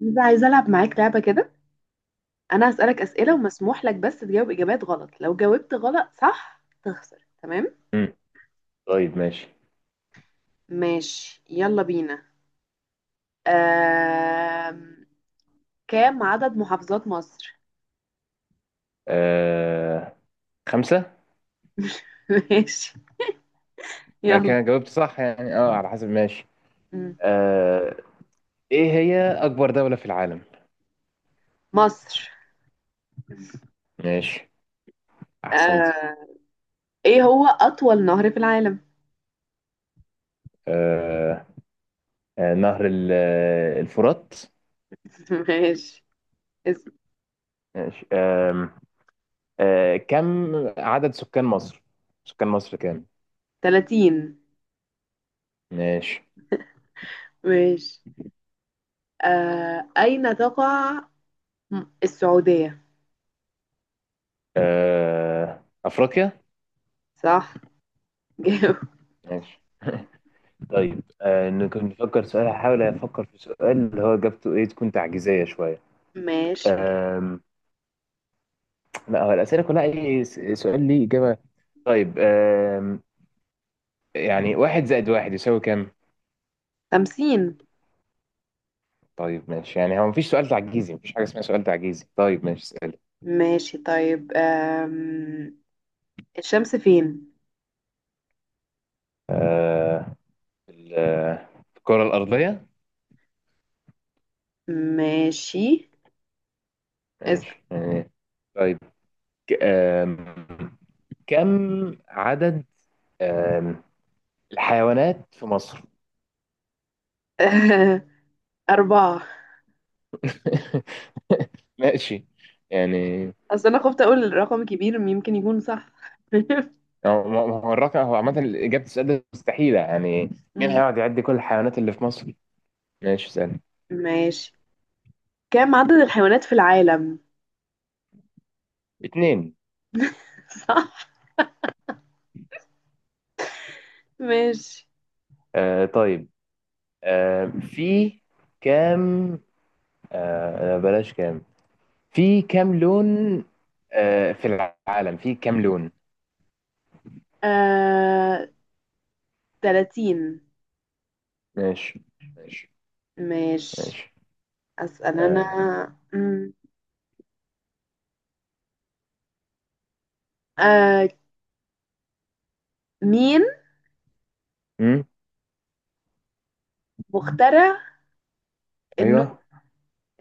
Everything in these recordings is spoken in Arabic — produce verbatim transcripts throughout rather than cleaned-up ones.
بس عايزة ألعب معاك لعبة كده. أنا هسألك أسئلة، ومسموح لك بس تجاوب إجابات غلط. لو جاوبت غلط صح تخسر. تمام؟ مم. طيب ماشي. ماشي، يلا بينا. آم... كام عدد محافظات مصر؟ آه... خمسة. ماشي. أنا يلا. كده جاوبت صح، يعني اه على حسب، ماشي. مم. آه... ايه هي أكبر دولة في العالم؟ مصر. ماشي، أحسنتي. آه... إيه هو أطول نهر في العالم؟ آه... آه... نهر ال- آه، الفرات. ماشي. اسم. ماشي. آه... آه... كم عدد سكان مصر؟ سكان مصر كام؟ تلاتين. ماشي. ماشي. آه... أين تقع م- السعودية؟ آه... أفريقيا؟ صح. جاوب. ماشي طيب. آه... نكون نفكر سؤال، هحاول أفكر في سؤال اللي هو إجابته ايه تكون تعجيزية شوية. ماشي، جاوب. آم... لا، هو الأسئلة كلها أي س- سؤال ليه إجابة. طيب، آم، يعني واحد زائد واحد يساوي كام؟ خمسين. طيب ماشي، يعني هو مفيش سؤال تعجيزي، مفيش حاجة اسمها سؤال تعجيزي. طيب ماشي، اسأل. ماشي، طيب. أم... الشمس فين؟ آه، ال- آه، الكرة الأرضية. ماشي. اس... ماشي يعني. طيب، ك- آم، كم عدد آم، الحيوانات في مصر؟ أربعة. ماشي يعني. أصل أنا خفت أقول رقم كبير يمكن يكون صح. هو هو هو الرقم هو، عامة إجابة السؤال ده مستحيلة يعني. مين مم. هيقعد يعد كل الحيوانات اللي في مصر؟ ماشي اسأل. ماشي. كم عدد الحيوانات في العالم؟ اتنين. صح. ماشي. آه طيب. آه في كام، آه آه، بلاش كام، في كام لون، آه في العالم في كام لون؟ آه... تلاتين. ماشي ماشي ماشي. ماشي. أسأل أنا. آه مم. آه... مين مم. مخترع النور؟ ايوه،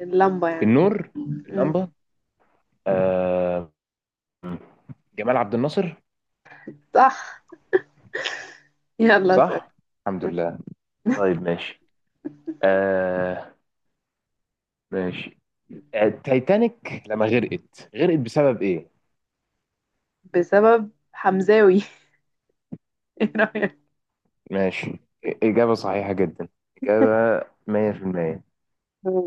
اللمبة يعني. النور، مم. اللمبة. آه جمال عبد الناصر. صح، يلا أسأل. صح، الحمد لله. طيب ماشي. آه ماشي. آه، التايتانيك لما غرقت، غرقت بسبب ايه؟ بسبب حمزاوي. ايه رأيك؟ ماشي، إجابة صحيحة جدا، إجابة مية في المية.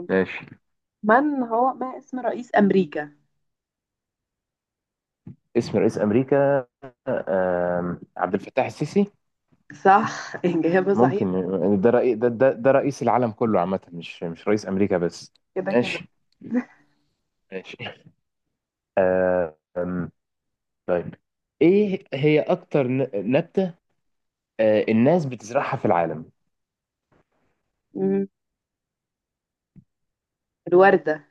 ماشي. من هو ما اسم رئيس أمريكا؟ اسم رئيس امريكا، آم، عبد الفتاح السيسي. صح، إجابة صحيحة. ممكن يعني، ده رئيس، ده, ده ده رئيس العالم كله عامه، مش مش رئيس امريكا بس. كده كده. ماشي ماشي، آم، طيب. ايه هي اكتر ن- نبتة، آه، الناس بتزرعها في العالم؟ مم. الوردة.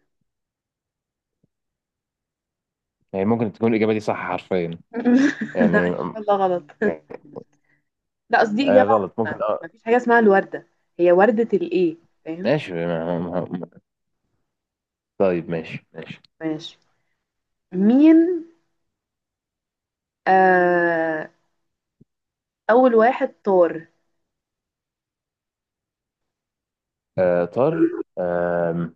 يعني ممكن تكون الاجابة دي صح حرفيا لا يعني. إن شاء الله غلط. لا قصدي آه، إجابة. غلط ممكن عامة اه مفيش حاجة اسمها الوردة. هي وردة الإيه؟ فاهم؟ ماشي. ما- ما- ما- طيب ماشي ماشي. ماشي. مين آه أول واحد طار؟ آه، طار. آم،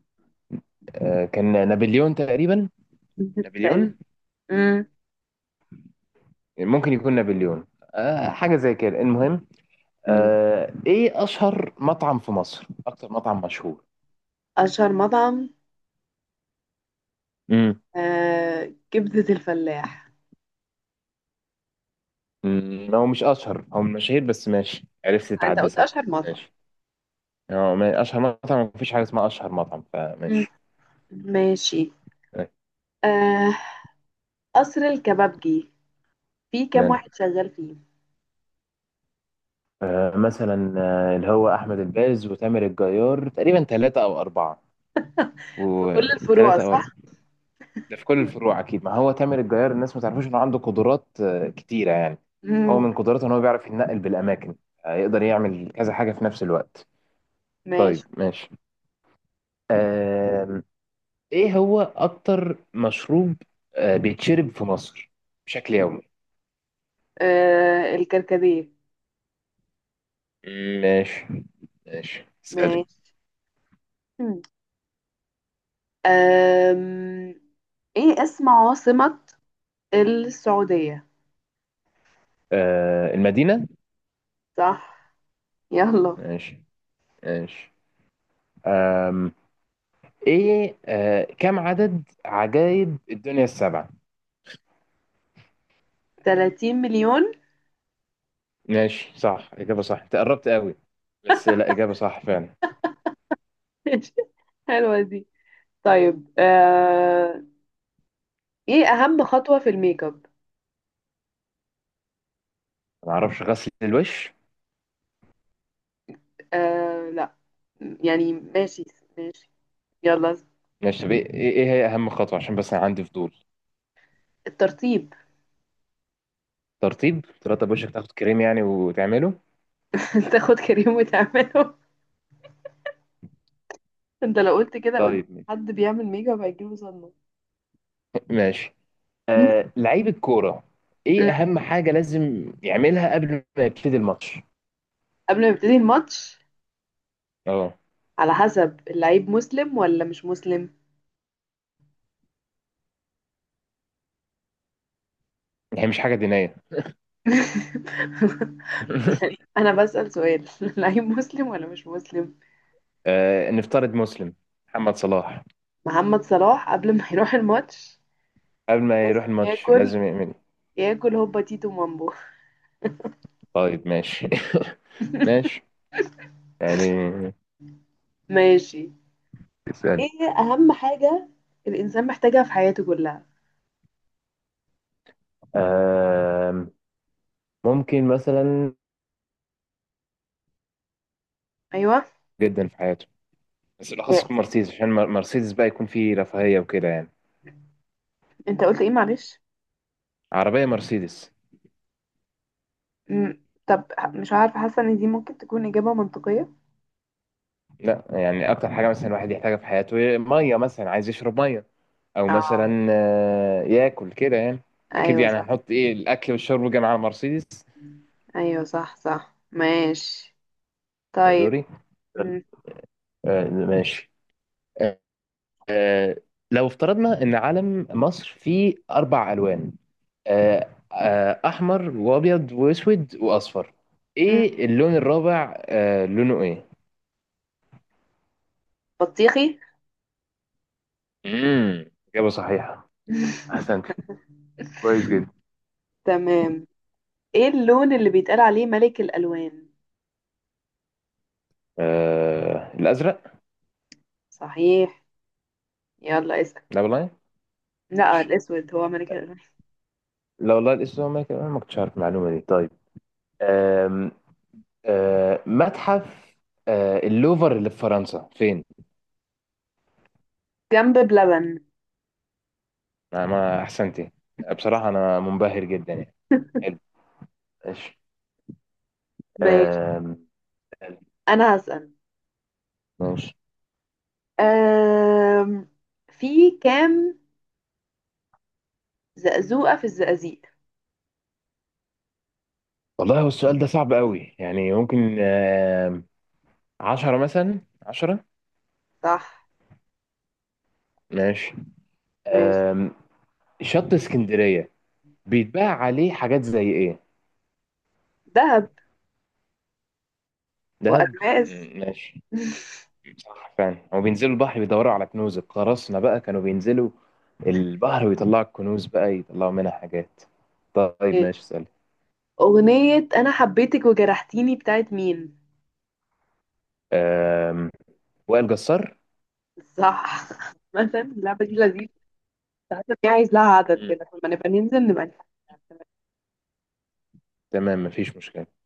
آه، كان نابليون تقريبا. تقريبا. نابليون، مم. يعني ممكن يكون نابليون. آه حاجة زي كده المهم. مم. آه ايه اشهر مطعم في مصر، اكتر مطعم مشهور؟ أشهر مطعم. امم. آه كبدة الفلاح. أمم، هو مش اشهر، هو من المشاهير بس، ماشي عرفت أنت تعدي قلت صح. أشهر مطعم. ماشي. هو ما- اشهر مطعم، مفيش حاجة اسمها اشهر مطعم، مم. فماشي. ماشي. آه، آه قصر الكبابجي. في كام ماله. واحد شغال فيه؟ آه مثلا، آه، اللي هو احمد الباز وتامر الجيار تقريبا ثلاثة او اربعة، في كل الفروع وثلاثة او اربعة. صح؟ ده في كل الفروع اكيد، ما هو تامر الجيار الناس ما تعرفوش انه عنده قدرات آه، كتيره يعني. هو امم من قدراته ان هو بيعرف يتنقل بالاماكن، آه، يقدر يعمل كذا حاجه في نفس الوقت. ماشي. طيب ماشي، آم، ايه هو اكتر مشروب آه، بيتشرب في مصر بشكل يومي؟ آه الكركديه. ماشي، ماشي اسالك. ماشي. مم. آم... ايه اسم عاصمة السعودية؟ آه، المدينه. صح، يلا. ماشي ماشي، آم، ايه آه، كم عدد عجائب الدنيا السبعه؟ ثلاثين مليون. ماشي، صح، إجابة صح، أنت قربت قوي، بس لا إجابة صح فعلا. حلوة دي. طيب، آه... ايه اهم خطوة في الميك اب؟ ما أعرفش، غسل الوش. آه، لا. يعني ماشي. ماشي، يلا. ماشي طب، إيه إيه إيه هي أهم خطوة، عشان بس أنا عندي فضول؟ الترطيب. ترطيب؟ ترطب وشك، تاخد كريم يعني وتعمله. تاخد كريم وتعمله. انت لو قلت كده قدام طيب، حد بيعمل ميك اب هيجيله صدمة. ماشي. آه لعيب الكورة، إيه مم. أهم حاجة لازم يعملها قبل ما يبتدي الماتش؟ قبل ما يبتدي الماتش، أه، على حسب اللعيب مسلم ولا مش مسلم. هي مش حاجة دينية. يعني انا بسأل سؤال. اللعيب مسلم ولا مش مسلم. آه نفترض مسلم، محمد صلاح، محمد صلاح قبل ما يروح الماتش قبل ما لازم يروح الماتش ياكل. لازم يعمل إيه؟ ياكل هوبا تيتو مامبو. طيب ماشي. ماشي يعني، ماشي. اسأل. ايه اهم حاجة الانسان محتاجها في حياته كلها؟ آم، ممكن مثلا ايوه. جدا في حياته، بس بالاخص يكون مرسيدس، عشان مر- مرسيدس بقى يكون فيه رفاهيه وكده يعني. انت قلت ايه معلش؟ عربيه مرسيدس. مم. طب، مش عارفة. حاسة ان دي ممكن تكون اجابة منطقية. لا يعني، اكتر حاجه مثلا الواحد يحتاجها في حياته ميه، مثلا عايز يشرب ميه، او اه، مثلا آه، ياكل كده يعني. اكيد ايوه يعني صح. هنحط ايه، الاكل والشرب جنب على مرسيدس. ايوه، صح صح. ماشي. يا طيب. دوري. م- آه، ماشي. آه، لو افترضنا ان علم مصر فيه اربع الوان، آه، آه، احمر وابيض واسود واصفر، م- ايه اللون الرابع، آه، لونه ايه؟ بطيخي. امم. اجابه صحيحه، احسنت، كويس جدا. تمام. ايه اللون اللي بيتقال عليه ملك الالوان؟ آه، الازرق. صحيح. يلا اسال. لا والله. لا، ماشي. الاسود هو ملك الالوان. لا والله، الاسود، ما كان- أنا ما كنتش عارف المعلومه دي. طيب، آم، آه، متحف آه، اللوفر اللي في فرنسا فين؟ جنب بلبن. انا، ما احسنتي، بصراحه انا منبهر جدا يعني، حلو. ماشي، ماشي. آم، انا هسال. ماشي. أم... في كام زقزوقه في الزقازيق؟ والله هو السؤال ده صعب قوي، يعني ممكن عشرة مثلا، عشرة. صح. ماشي. ماشي. أم، شط اسكندرية بيتباع عليه حاجات زي ايه؟ ذهب. دهب. والماس. م- ماشي. صح فعلا، هو بينزلوا البحر بيدوروا على كنوز القراصنة بقى، كانوا بينزلوا البحر ويطلعوا الكنوز بقى، يطلعوا منها حاجات. طيب ماشي ماشي. اسأل. اغنيه انا حبيتك وجرحتيني بتاعت مين؟ أم، وائل جسار. صح. مثلا اللعبة دي لذيذة. حاسة إن هي عايز لها عدد مم. كده، لما نبقى ننزل نبقى نلعب. تمام، مفيش مشكلة.